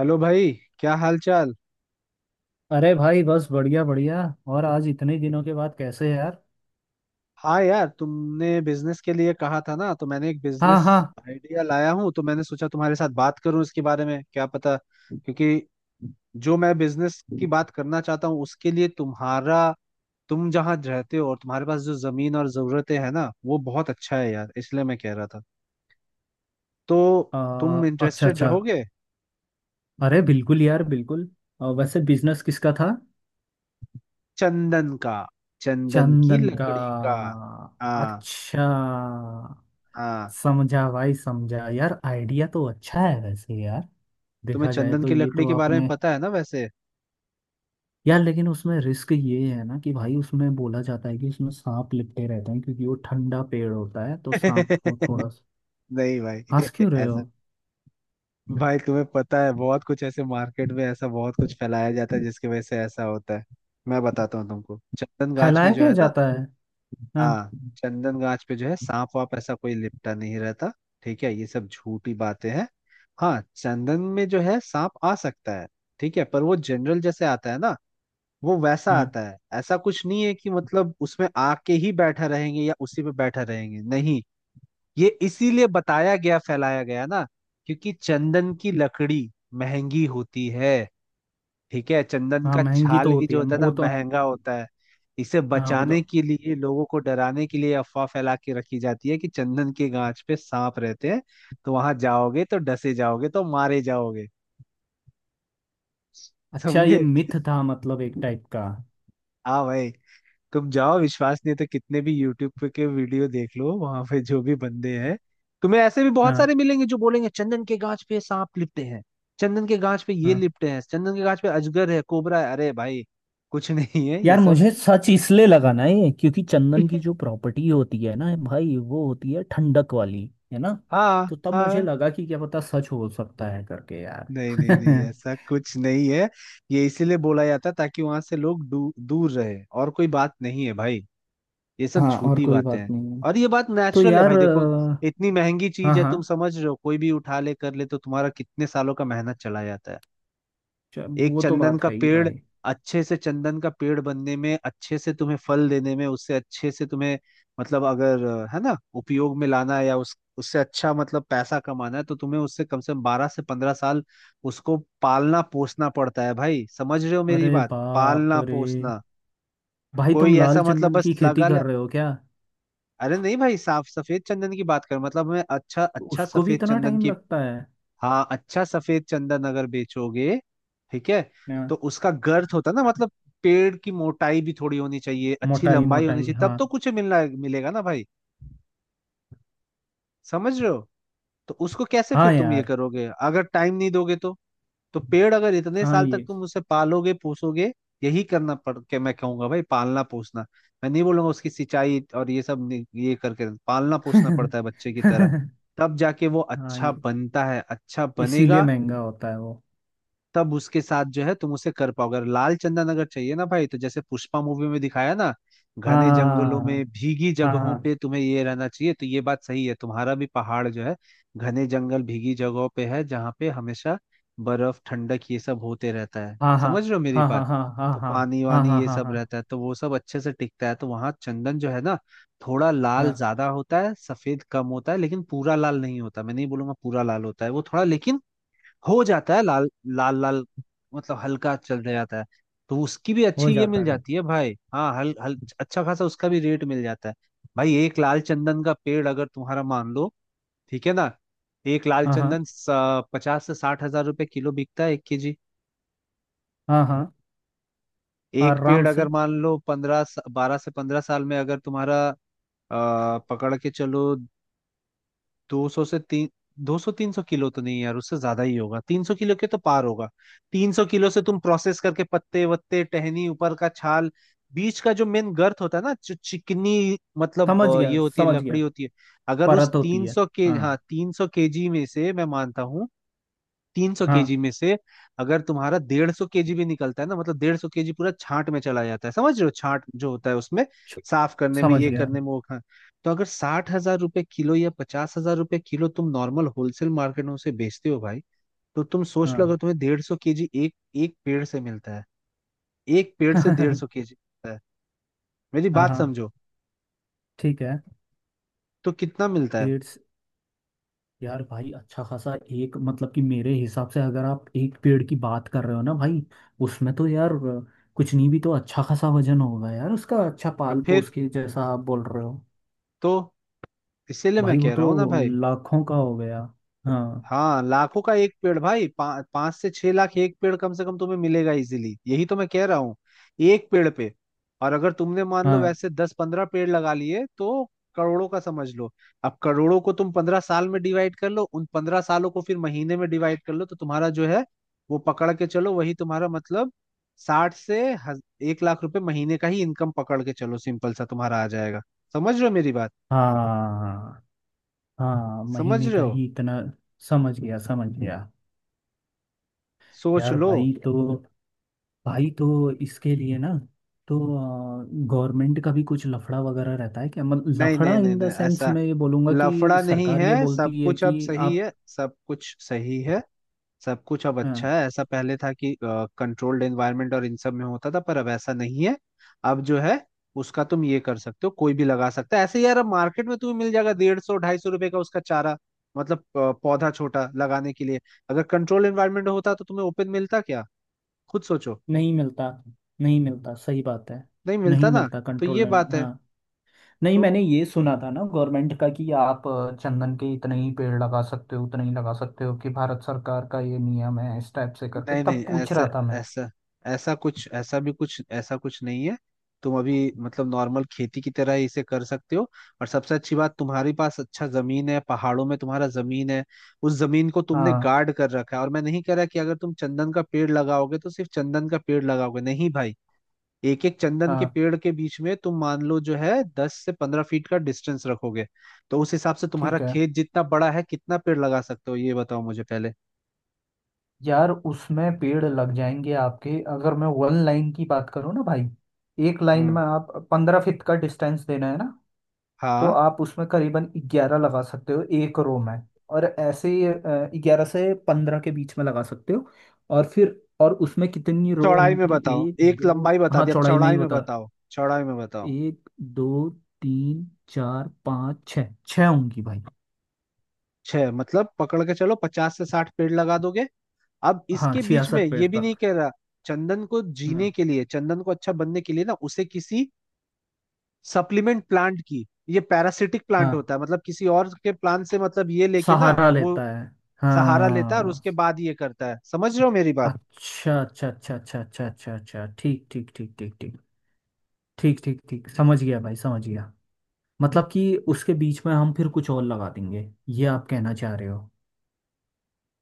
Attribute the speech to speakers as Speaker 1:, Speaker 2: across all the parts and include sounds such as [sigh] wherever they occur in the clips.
Speaker 1: Hello भाई। क्या हाल चाल।
Speaker 2: अरे भाई, बस बढ़िया बढ़िया। और आज इतने दिनों के बाद कैसे है यार।
Speaker 1: हाँ यार, तुमने बिजनेस के लिए कहा था ना तो मैंने एक
Speaker 2: हाँ
Speaker 1: बिजनेस
Speaker 2: हाँ।
Speaker 1: आइडिया लाया हूँ। तो मैंने सोचा तुम्हारे साथ बात करूँ इसके बारे में, क्या पता, क्योंकि जो मैं बिजनेस की बात करना चाहता हूँ उसके लिए तुम्हारा, तुम जहाँ रहते हो और तुम्हारे पास जो जमीन और जरूरतें हैं ना, वो बहुत अच्छा है यार, इसलिए मैं कह रहा था। तो तुम
Speaker 2: अच्छा
Speaker 1: इंटरेस्टेड
Speaker 2: अच्छा।
Speaker 1: रहोगे?
Speaker 2: अरे बिल्कुल यार, बिल्कुल। वैसे बिजनेस किसका था।
Speaker 1: चंदन का। चंदन की
Speaker 2: चंदन का।
Speaker 1: लकड़ी का। हाँ।
Speaker 2: अच्छा।
Speaker 1: हाँ,
Speaker 2: समझा भाई समझा, यार आइडिया तो अच्छा है वैसे। यार
Speaker 1: तुम्हें
Speaker 2: देखा जाए
Speaker 1: चंदन
Speaker 2: तो
Speaker 1: की
Speaker 2: ये
Speaker 1: लकड़ी
Speaker 2: तो
Speaker 1: के बारे में
Speaker 2: आपने।
Speaker 1: पता है ना वैसे।
Speaker 2: यार लेकिन उसमें रिस्क ये है ना कि भाई, उसमें बोला जाता है कि उसमें सांप लिपटे रहते हैं क्योंकि वो ठंडा पेड़ होता है तो सांप को
Speaker 1: [laughs]
Speaker 2: थोड़ा।
Speaker 1: नहीं भाई
Speaker 2: हंस
Speaker 1: [laughs]
Speaker 2: क्यों रहे हो।
Speaker 1: ऐसा। भाई, तुम्हें पता है, बहुत कुछ ऐसे मार्केट में ऐसा बहुत कुछ फैलाया जाता है जिसकी वजह से ऐसा होता है। मैं बताता हूँ तुमको, चंदन गाछ
Speaker 2: फैलाया
Speaker 1: में जो
Speaker 2: क्या
Speaker 1: है ना,
Speaker 2: जाता है। हाँ
Speaker 1: हाँ, चंदन गाछ पे जो है, सांप वाप ऐसा कोई लिपटा नहीं रहता। ठीक है, ये सब झूठी बातें हैं। हाँ, चंदन में जो है सांप आ सकता है, ठीक है, पर वो जनरल जैसे आता है ना, वो वैसा
Speaker 2: हाँ।
Speaker 1: आता है, ऐसा कुछ नहीं है कि मतलब उसमें आके ही बैठा रहेंगे या उसी पे बैठा रहेंगे, नहीं। ये इसीलिए बताया गया, फैलाया गया ना, क्योंकि चंदन की लकड़ी महंगी होती है। ठीक है, चंदन
Speaker 2: हाँ
Speaker 1: का
Speaker 2: महंगी
Speaker 1: छाल
Speaker 2: तो
Speaker 1: भी
Speaker 2: होती
Speaker 1: जो
Speaker 2: है
Speaker 1: होता है ना
Speaker 2: वो तो।
Speaker 1: महंगा होता है। इसे
Speaker 2: हाँ वो तो।
Speaker 1: बचाने के लिए, लोगों को डराने के लिए अफवाह फैला के रखी जाती है कि चंदन के गांच पे सांप रहते हैं, तो वहां जाओगे तो डसे जाओगे तो मारे जाओगे।
Speaker 2: अच्छा, ये
Speaker 1: समझे।
Speaker 2: मिथ था मतलब, एक टाइप का।
Speaker 1: हाँ भाई। तुम जाओ, विश्वास नहीं है तो कितने भी यूट्यूब पे के वीडियो देख लो, वहां पे जो भी बंदे हैं तुम्हें ऐसे भी बहुत
Speaker 2: हाँ
Speaker 1: सारे मिलेंगे जो बोलेंगे चंदन के गाछ पे सांप लिपटे हैं, चंदन के गाछ पे ये
Speaker 2: हाँ।
Speaker 1: लिपटे हैं, चंदन के गाछ पे अजगर है कोबरा है। अरे भाई, कुछ [laughs] नहीं है ये
Speaker 2: यार
Speaker 1: सब।
Speaker 2: मुझे सच इसलिए लगा ना ये क्योंकि चंदन की जो प्रॉपर्टी होती है ना भाई, वो होती है ठंडक वाली। है ना।
Speaker 1: हाँ
Speaker 2: तो तब मुझे
Speaker 1: हाँ।
Speaker 2: लगा कि क्या पता सच हो सकता है करके यार।
Speaker 1: नहीं नहीं नहीं, ऐसा
Speaker 2: [laughs]
Speaker 1: कुछ नहीं है। ये इसीलिए बोला जाता है ताकि वहां से लोग दूर रहे, और कोई बात नहीं है भाई। ये सब
Speaker 2: हाँ, और
Speaker 1: झूठी
Speaker 2: कोई
Speaker 1: बातें
Speaker 2: बात
Speaker 1: हैं।
Speaker 2: नहीं है।
Speaker 1: और ये बात
Speaker 2: तो
Speaker 1: नेचुरल है
Speaker 2: यार
Speaker 1: भाई, देखो, इतनी महंगी
Speaker 2: हाँ
Speaker 1: चीज है,
Speaker 2: हाँ।
Speaker 1: तुम समझ रहे हो, कोई भी उठा ले कर ले तो तुम्हारा कितने सालों का मेहनत चला जाता है। एक
Speaker 2: वो तो
Speaker 1: चंदन
Speaker 2: बात
Speaker 1: का
Speaker 2: है ही
Speaker 1: पेड़,
Speaker 2: भाई।
Speaker 1: अच्छे से चंदन का पेड़ बनने में, अच्छे से तुम्हें फल देने में, उससे अच्छे से तुम्हें, मतलब अगर, है ना, उपयोग में लाना है या उस उससे अच्छा मतलब पैसा कमाना है तो तुम्हें उससे कम से कम 12 से 15 साल उसको पालना पोसना पड़ता है भाई, समझ रहे हो मेरी
Speaker 2: अरे
Speaker 1: बात,
Speaker 2: बाप
Speaker 1: पालना
Speaker 2: रे।
Speaker 1: पोसना।
Speaker 2: भाई तुम
Speaker 1: कोई ऐसा
Speaker 2: लाल
Speaker 1: मतलब
Speaker 2: चंदन की
Speaker 1: बस
Speaker 2: खेती
Speaker 1: लगा ले।
Speaker 2: कर रहे हो क्या।
Speaker 1: अरे नहीं भाई, साफ सफेद चंदन की बात कर, मतलब मैं अच्छा अच्छा
Speaker 2: उसको भी
Speaker 1: सफेद
Speaker 2: इतना
Speaker 1: चंदन
Speaker 2: टाइम
Speaker 1: की।
Speaker 2: लगता है।
Speaker 1: हाँ, अच्छा सफेद चंदन अगर बेचोगे, ठीक है,
Speaker 2: हाँ,
Speaker 1: तो उसका गर्थ होता है ना, मतलब पेड़ की मोटाई भी थोड़ी होनी चाहिए, अच्छी
Speaker 2: मोटाई
Speaker 1: लंबाई होनी
Speaker 2: मोटाई
Speaker 1: चाहिए
Speaker 2: हाँ।
Speaker 1: तब तो कुछ मिलना मिलेगा ना भाई, समझ रहे हो। तो उसको कैसे
Speaker 2: हाँ
Speaker 1: फिर तुम ये
Speaker 2: यार।
Speaker 1: करोगे अगर टाइम नहीं दोगे तो। तो पेड़ अगर इतने
Speaker 2: हाँ
Speaker 1: साल तक
Speaker 2: ये
Speaker 1: तुम उसे पालोगे पोसोगे, यही करना पड़ के मैं कहूंगा भाई, पालना पोसना। मैं नहीं बोलूंगा उसकी सिंचाई और ये सब नहीं- ये करके पालना पोसना पड़ता है
Speaker 2: [laughs]
Speaker 1: बच्चे की तरह।
Speaker 2: हाँ,
Speaker 1: तब जाके वो अच्छा
Speaker 2: ये
Speaker 1: बनता है, अच्छा
Speaker 2: इसीलिए
Speaker 1: बनेगा।
Speaker 2: महंगा होता है वो।
Speaker 1: तब उसके साथ जो है तुम उसे कर पाओगे। अगर लाल चंदन अगर चाहिए ना भाई तो जैसे पुष्पा मूवी में दिखाया ना, घने जंगलों
Speaker 2: हाँ
Speaker 1: में भीगी जगहों
Speaker 2: हाँ
Speaker 1: पे तुम्हें ये रहना चाहिए, तो ये बात सही है, तुम्हारा भी पहाड़ जो है, घने जंगल भीगी जगहों पे है जहाँ पे हमेशा बर्फ ठंडक ये सब होते रहता है,
Speaker 2: हाँ हाँ
Speaker 1: समझ रहे हो मेरी
Speaker 2: हाँ
Speaker 1: बात।
Speaker 2: हाँ हाँ हाँ
Speaker 1: तो
Speaker 2: हाँ
Speaker 1: पानी वानी
Speaker 2: हाँ हाँ
Speaker 1: ये
Speaker 2: हाँ
Speaker 1: सब
Speaker 2: हाँ
Speaker 1: रहता है तो वो सब अच्छे से टिकता है, तो वहाँ चंदन जो है ना, थोड़ा लाल
Speaker 2: हाँ।
Speaker 1: ज्यादा होता है, सफेद कम होता है, लेकिन पूरा लाल नहीं होता, मैं नहीं बोलूंगा पूरा लाल होता है वो थोड़ा, लेकिन हो जाता है लाल, लाल लाल, मतलब हल्का चल जाता है, तो उसकी भी
Speaker 2: हो
Speaker 1: अच्छी ये
Speaker 2: जाता
Speaker 1: मिल
Speaker 2: है।
Speaker 1: जाती है भाई, हाँ, हल हल अच्छा खासा उसका भी रेट मिल जाता है। भाई एक लाल चंदन का पेड़ अगर तुम्हारा मान लो, ठीक है ना, एक लाल
Speaker 2: हाँ हाँ
Speaker 1: चंदन 50,000 से 60,000 रुपए किलो बिकता है, 1 केजी।
Speaker 2: हाँ हाँ।
Speaker 1: एक
Speaker 2: आराम
Speaker 1: पेड़ अगर
Speaker 2: से।
Speaker 1: मान लो 15, 12 से 15 साल में अगर तुम्हारा पकड़ के चलो, 200 से 300, 200, 300 किलो तो नहीं यार, उससे ज्यादा ही होगा, 300 किलो के तो पार होगा। 300 किलो से तुम प्रोसेस करके पत्ते वत्ते टहनी ऊपर का छाल, बीच का जो मेन गर्थ होता है ना, जो चिकनी मतलब
Speaker 2: समझ
Speaker 1: ये
Speaker 2: गया
Speaker 1: होती है,
Speaker 2: समझ
Speaker 1: लकड़ी
Speaker 2: गया।
Speaker 1: होती है। अगर उस
Speaker 2: परत होती
Speaker 1: तीन
Speaker 2: है।
Speaker 1: सौ के
Speaker 2: हाँ
Speaker 1: हाँ, 300 केजी में से मैं मानता हूँ, 300 केजी
Speaker 2: हाँ।
Speaker 1: में से अगर तुम्हारा 150 केजी भी निकलता है ना, मतलब 150 केजी पूरा छांट में चला जाता है, समझ रहे हो, छांट जो होता है उसमें
Speaker 2: छु-
Speaker 1: साफ करने में
Speaker 2: समझ
Speaker 1: ये
Speaker 2: गया।
Speaker 1: करने में वो। तो अगर 60,000 रुपए किलो या 50,000 रुपए किलो तुम नॉर्मल होलसेल मार्केट में उसे बेचते हो भाई, तो तुम सोच लो अगर
Speaker 2: हाँ।
Speaker 1: तुम्हें 150 केजी एक एक पेड़ से मिलता है, एक पेड़ से डेढ़ सौ
Speaker 2: [laughs]
Speaker 1: केजी मिलता है, मेरी
Speaker 2: हाँ
Speaker 1: बात
Speaker 2: हाँ,
Speaker 1: समझो,
Speaker 2: ठीक है।
Speaker 1: तो कितना मिलता है?
Speaker 2: डेढ़। यार भाई अच्छा खासा एक, मतलब कि मेरे हिसाब से अगर आप एक पेड़ की बात कर रहे हो ना भाई, उसमें तो यार कुछ नहीं भी तो अच्छा खासा वजन होगा यार उसका, अच्छा
Speaker 1: तो
Speaker 2: पाल पोस
Speaker 1: फिर,
Speaker 2: के जैसा आप बोल रहे हो।
Speaker 1: तो इसीलिए मैं
Speaker 2: भाई वो
Speaker 1: कह
Speaker 2: तो
Speaker 1: रहा हूँ ना भाई,
Speaker 2: लाखों का हो गया। हाँ
Speaker 1: हाँ लाखों का एक पेड़ भाई, 5 से 6 लाख एक पेड़ कम से कम तुम्हें मिलेगा इजीली, यही तो मैं कह रहा हूँ, एक पेड़ पे। और अगर तुमने मान लो
Speaker 2: हाँ
Speaker 1: वैसे 10-15 पेड़ लगा लिए तो करोड़ों का समझ लो। अब करोड़ों को तुम 15 साल में डिवाइड कर लो, उन 15 सालों को फिर महीने में डिवाइड कर लो तो तुम्हारा जो है वो पकड़ के चलो, वही तुम्हारा मतलब साठ से हज- 1 लाख रुपए महीने का ही इनकम, पकड़ के चलो सिंपल सा तुम्हारा आ जाएगा, समझ रहे हो मेरी बात,
Speaker 2: हाँ हाँ। हाँ,
Speaker 1: समझ
Speaker 2: महीने
Speaker 1: रहे
Speaker 2: का
Speaker 1: हो,
Speaker 2: ही इतना। समझ गया समझ गया।
Speaker 1: सोच
Speaker 2: यार
Speaker 1: लो।
Speaker 2: भाई, तो भाई तो इसके लिए ना, तो गवर्नमेंट का भी कुछ लफड़ा वगैरह रहता है क्या, मतलब
Speaker 1: नहीं
Speaker 2: लफड़ा
Speaker 1: नहीं नहीं
Speaker 2: इन द
Speaker 1: नहीं,
Speaker 2: सेंस
Speaker 1: ऐसा
Speaker 2: मैं ये बोलूँगा कि
Speaker 1: लफड़ा नहीं
Speaker 2: सरकार ये
Speaker 1: है, सब
Speaker 2: बोलती है
Speaker 1: कुछ अब
Speaker 2: कि
Speaker 1: सही
Speaker 2: आप।
Speaker 1: है, सब कुछ सही है, सब कुछ अब
Speaker 2: हाँ।
Speaker 1: अच्छा है। ऐसा पहले था कि कंट्रोल्ड एनवायरनमेंट और इन सब में होता था पर अब ऐसा नहीं है। अब जो है उसका तुम ये कर सकते हो, कोई भी लगा सकता है ऐसे यार, अब मार्केट में तुम्हें मिल जाएगा 150-250 रुपए का उसका चारा, मतलब पौधा छोटा लगाने के लिए। अगर कंट्रोल एनवायरनमेंट होता तो तुम्हें ओपन मिलता क्या, खुद सोचो,
Speaker 2: नहीं मिलता। नहीं मिलता, सही बात है।
Speaker 1: नहीं मिलता
Speaker 2: नहीं
Speaker 1: ना,
Speaker 2: मिलता
Speaker 1: तो
Speaker 2: कंट्रोल
Speaker 1: ये
Speaker 2: लाइन,
Speaker 1: बात है।
Speaker 2: हाँ। नहीं,
Speaker 1: तो
Speaker 2: मैंने ये सुना था ना गवर्नमेंट का कि आप चंदन के इतने ही पेड़ लगा सकते हो, उतने ही लगा सकते हो, कि भारत सरकार का ये नियम है इस टाइप से करके,
Speaker 1: नहीं
Speaker 2: तब
Speaker 1: नहीं,
Speaker 2: पूछ
Speaker 1: ऐसा
Speaker 2: रहा था मैं।
Speaker 1: ऐसा ऐसा कुछ, ऐसा भी कुछ, ऐसा कुछ नहीं है, तुम अभी मतलब नॉर्मल खेती की तरह ही इसे कर सकते हो। और सबसे अच्छी बात, तुम्हारे पास अच्छा जमीन है, पहाड़ों में तुम्हारा जमीन है, उस जमीन को तुमने
Speaker 2: हाँ
Speaker 1: गार्ड कर रखा है, और मैं नहीं कह रहा कि अगर तुम चंदन का पेड़ लगाओगे तो सिर्फ चंदन का पेड़ लगाओगे, नहीं भाई। एक एक चंदन के
Speaker 2: हाँ,
Speaker 1: पेड़ के बीच में तुम मान लो जो है, 10 से 15 फीट का डिस्टेंस रखोगे, तो उस हिसाब से तुम्हारा
Speaker 2: ठीक है।
Speaker 1: खेत जितना बड़ा है कितना पेड़ लगा सकते हो ये बताओ मुझे पहले।
Speaker 2: यार उसमें पेड़ लग जाएंगे आपके, अगर मैं वन लाइन की बात करूँ ना भाई। एक लाइन
Speaker 1: हम्म।
Speaker 2: में आप 15 फीट का डिस्टेंस देना है ना, तो
Speaker 1: हाँ,
Speaker 2: आप उसमें करीबन 11 लगा सकते हो एक रो में। और ऐसे ही 11 से 15 के बीच में लगा सकते हो। और फिर और उसमें कितनी रो
Speaker 1: चौड़ाई में
Speaker 2: होंगी।
Speaker 1: बताओ,
Speaker 2: एक
Speaker 1: एक
Speaker 2: दो।
Speaker 1: लंबाई बता
Speaker 2: हाँ
Speaker 1: दी, अब
Speaker 2: चौड़ाई में ही
Speaker 1: चौड़ाई में
Speaker 2: बता।
Speaker 1: बताओ, चौड़ाई में बताओ।
Speaker 2: एक, दो, तीन, चार, पाँच, छः, छः होंगी भाई।
Speaker 1: छह मतलब पकड़ के चलो 50 से 60 पेड़ लगा दोगे, अब
Speaker 2: हाँ
Speaker 1: इसके बीच में
Speaker 2: 66 पेड़
Speaker 1: ये भी नहीं
Speaker 2: तक।
Speaker 1: कह रहा, चंदन को जीने
Speaker 2: हाँ
Speaker 1: के लिए, चंदन को अच्छा बनने के लिए ना, उसे किसी सप्लीमेंट प्लांट की, ये पैरासिटिक प्लांट
Speaker 2: हाँ,
Speaker 1: होता है, मतलब किसी और के प्लांट से, मतलब ये लेके ना
Speaker 2: सहारा
Speaker 1: वो
Speaker 2: लेता है।
Speaker 1: सहारा लेता है और
Speaker 2: हाँ।
Speaker 1: उसके बाद ये करता है, समझ रहे हो मेरी बात।
Speaker 2: अच्छा अच्छा अच्छा अच्छा अच्छा अच्छा अच्छा, ठीक ठीक ठीक ठीक ठीक ठीक ठीक ठीक। समझ गया भाई समझ गया। मतलब कि उसके बीच में हम फिर कुछ और लगा देंगे, ये आप कहना चाह रहे हो।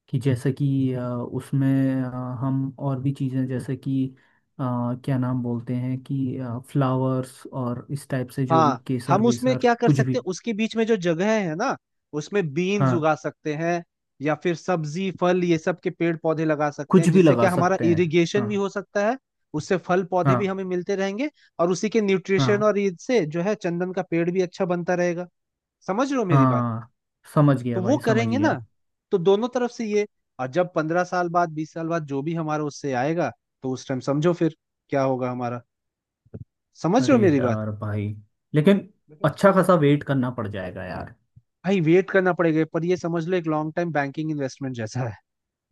Speaker 2: कि जैसे कि उसमें हम और भी चीज़ें जैसे कि अ, क्या नाम बोलते हैं, कि फ्लावर्स और इस टाइप से जो भी
Speaker 1: हाँ,
Speaker 2: केसर
Speaker 1: हम उसमें
Speaker 2: वेसर
Speaker 1: क्या कर
Speaker 2: कुछ भी।
Speaker 1: सकते हैं, उसके बीच में जो जगह है ना उसमें बीन्स
Speaker 2: हाँ,
Speaker 1: उगा सकते हैं, या फिर सब्जी फल ये सब के पेड़ पौधे लगा सकते
Speaker 2: कुछ
Speaker 1: हैं
Speaker 2: भी
Speaker 1: जिससे
Speaker 2: लगा
Speaker 1: क्या हमारा
Speaker 2: सकते हैं।
Speaker 1: इरिगेशन
Speaker 2: हाँ
Speaker 1: भी हो सकता है। उससे फल पौधे भी
Speaker 2: हाँ
Speaker 1: हमें मिलते रहेंगे, और उसी के न्यूट्रिशन
Speaker 2: हाँ
Speaker 1: और इससे जो है चंदन का पेड़ भी अच्छा बनता रहेगा, समझ रहे हो मेरी बात।
Speaker 2: हाँ। समझ
Speaker 1: तो
Speaker 2: गया
Speaker 1: वो
Speaker 2: भाई समझ
Speaker 1: करेंगे ना,
Speaker 2: गया।
Speaker 1: तो दोनों तरफ से ये। और जब 15 साल बाद 20 साल बाद जो भी हमारा उससे आएगा, तो उस टाइम समझो फिर क्या होगा हमारा, समझ रहे हो
Speaker 2: अरे
Speaker 1: मेरी बात।
Speaker 2: यार भाई, लेकिन अच्छा खासा वेट करना पड़ जाएगा यार।
Speaker 1: भाई वेट करना पड़ेगा पर ये समझ लो एक लॉन्ग टाइम बैंकिंग इन्वेस्टमेंट जैसा है,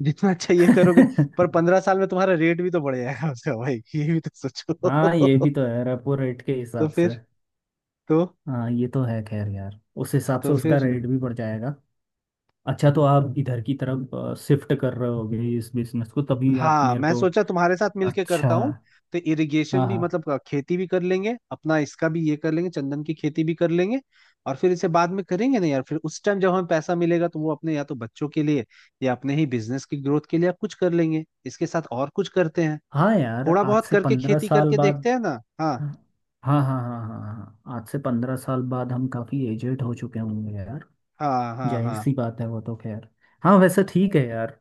Speaker 1: जितना अच्छा ये करोगे। पर पंद्रह
Speaker 2: [laughs]
Speaker 1: साल में तुम्हारा रेट भी तो बढ़ जाएगा उसका भाई, ये भी तो
Speaker 2: हाँ ये
Speaker 1: सोचो [laughs]
Speaker 2: भी तो है, रेपो रेट के
Speaker 1: तो
Speaker 2: हिसाब से।
Speaker 1: फिर, तो
Speaker 2: हाँ ये तो है खैर, यार उस हिसाब
Speaker 1: तो
Speaker 2: से उसका
Speaker 1: फिर,
Speaker 2: रेट भी बढ़ जाएगा। अच्छा, तो आप इधर की तरफ शिफ्ट कर रहे होगे इस बिजनेस को, तभी आप
Speaker 1: हाँ,
Speaker 2: मेरे
Speaker 1: मैं
Speaker 2: को।
Speaker 1: सोचा तुम्हारे साथ मिलके
Speaker 2: अच्छा।
Speaker 1: करता हूँ। तो इरिगेशन
Speaker 2: हाँ
Speaker 1: भी
Speaker 2: हाँ
Speaker 1: मतलब खेती भी कर लेंगे अपना, इसका भी ये कर लेंगे, चंदन की खेती भी कर लेंगे। और फिर इसे बाद में करेंगे ना यार, फिर उस टाइम जब हमें पैसा मिलेगा तो वो अपने या तो बच्चों के लिए या अपने ही बिजनेस की ग्रोथ के लिए आप कुछ कर लेंगे इसके साथ, और कुछ करते हैं,
Speaker 2: हाँ। यार
Speaker 1: थोड़ा
Speaker 2: आज
Speaker 1: बहुत
Speaker 2: से
Speaker 1: करके
Speaker 2: पंद्रह
Speaker 1: खेती
Speaker 2: साल
Speaker 1: करके
Speaker 2: बाद।
Speaker 1: देखते हैं ना। हाँ
Speaker 2: हाँ हाँ हाँ हाँ हाँ। हाँ, आज से 15 साल बाद हम काफ़ी एजेड हो चुके होंगे यार।
Speaker 1: हाँ हाँ
Speaker 2: जाहिर
Speaker 1: हाँ
Speaker 2: सी बात है वो तो खैर। हाँ वैसे ठीक है यार।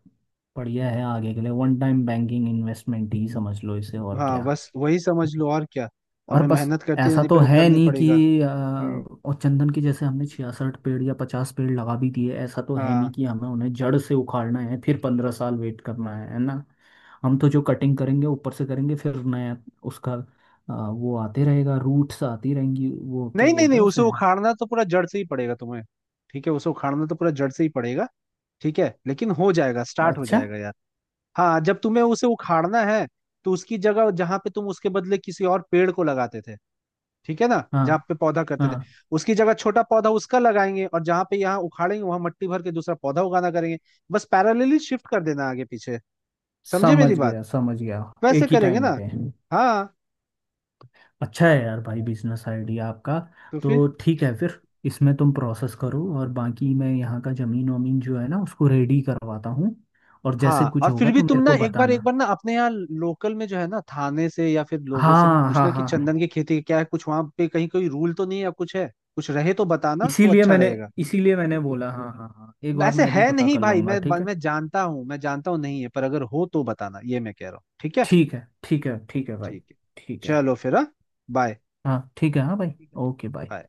Speaker 2: बढ़िया है आगे के लिए, वन टाइम बैंकिंग इन्वेस्टमेंट ही समझ लो इसे और
Speaker 1: हाँ,
Speaker 2: क्या।
Speaker 1: बस वही समझ लो और क्या,
Speaker 2: और
Speaker 1: हमें
Speaker 2: बस,
Speaker 1: मेहनत करती
Speaker 2: ऐसा
Speaker 1: रहनी
Speaker 2: तो
Speaker 1: पड़े,
Speaker 2: है
Speaker 1: करनी
Speaker 2: नहीं
Speaker 1: पड़ेगा।
Speaker 2: कि
Speaker 1: हम्म।
Speaker 2: और चंदन की जैसे हमने 66 पेड़ या 50 पेड़ लगा भी दिए, ऐसा तो है नहीं
Speaker 1: हाँ,
Speaker 2: कि हमें उन्हें जड़ से उखाड़ना है फिर 15 साल वेट करना है ना। हम तो जो कटिंग करेंगे ऊपर से करेंगे, फिर नया उसका वो आते रहेगा, रूट्स आती रहेंगी, वो क्या
Speaker 1: नहीं नहीं
Speaker 2: बोलते
Speaker 1: नहीं,
Speaker 2: हैं
Speaker 1: उसे
Speaker 2: उसे।
Speaker 1: उखाड़ना तो पूरा जड़ से ही पड़ेगा तुम्हें, ठीक है, उसे उखाड़ना तो पूरा जड़ से ही पड़ेगा, ठीक है लेकिन हो जाएगा, स्टार्ट हो
Speaker 2: अच्छा।
Speaker 1: जाएगा यार। हाँ, जब तुम्हें उसे उखाड़ना है तो उसकी जगह जहां पे तुम उसके बदले किसी और पेड़ को लगाते थे, ठीक है ना,
Speaker 2: हाँ
Speaker 1: जहाँ पे पौधा करते थे
Speaker 2: हाँ,
Speaker 1: उसकी जगह छोटा पौधा उसका लगाएंगे, और जहाँ पे यहाँ उखाड़ेंगे वहां मट्टी भर के दूसरा पौधा उगाना करेंगे, बस पैरेलली शिफ्ट कर देना आगे पीछे, समझे मेरी
Speaker 2: समझ
Speaker 1: बात,
Speaker 2: गया समझ गया।
Speaker 1: वैसे
Speaker 2: एक ही
Speaker 1: करेंगे
Speaker 2: टाइम
Speaker 1: ना।
Speaker 2: पे।
Speaker 1: हाँ,
Speaker 2: अच्छा है यार भाई, बिजनेस आइडिया आपका।
Speaker 1: तो फिर,
Speaker 2: तो ठीक है फिर, इसमें तुम प्रोसेस करो और बाकी मैं यहाँ का जमीन वमीन जो है ना उसको रेडी करवाता हूँ। और जैसे
Speaker 1: हाँ,
Speaker 2: कुछ
Speaker 1: और फिर
Speaker 2: होगा
Speaker 1: भी
Speaker 2: तो
Speaker 1: तुम
Speaker 2: मेरे
Speaker 1: ना
Speaker 2: को
Speaker 1: एक
Speaker 2: बताना।
Speaker 1: बार ना अपने यहाँ लोकल में जो है ना थाने से या फिर लोगों से भी
Speaker 2: हाँ हाँ
Speaker 1: पूछना
Speaker 2: हाँ
Speaker 1: कि
Speaker 2: हाँ।
Speaker 1: चंदन की खेती का क्या है, कुछ वहां पे कहीं कोई रूल तो नहीं है या कुछ है, कुछ रहे तो बताना तो
Speaker 2: इसीलिए
Speaker 1: अच्छा
Speaker 2: मैंने
Speaker 1: रहेगा।
Speaker 2: इसीलिए मैंने बोला, हाँ हाँ हाँ, एक बार
Speaker 1: ऐसे
Speaker 2: मैं भी
Speaker 1: है
Speaker 2: पता
Speaker 1: नहीं
Speaker 2: कर
Speaker 1: भाई,
Speaker 2: लूँगा,
Speaker 1: मैं
Speaker 2: ठीक है।
Speaker 1: मैं जानता हूँ, मैं जानता हूँ नहीं है, पर अगर हो तो बताना ये मैं कह रहा हूँ, ठीक है।
Speaker 2: ठीक है ठीक है ठीक
Speaker 1: ठीक,
Speaker 2: है भाई।
Speaker 1: ठीक है।
Speaker 2: ठीक है।
Speaker 1: चलो फिर, हाँ, बाय।
Speaker 2: हाँ ठीक है। हाँ भाई,
Speaker 1: ठीक है,
Speaker 2: ओके बाय।
Speaker 1: बाय।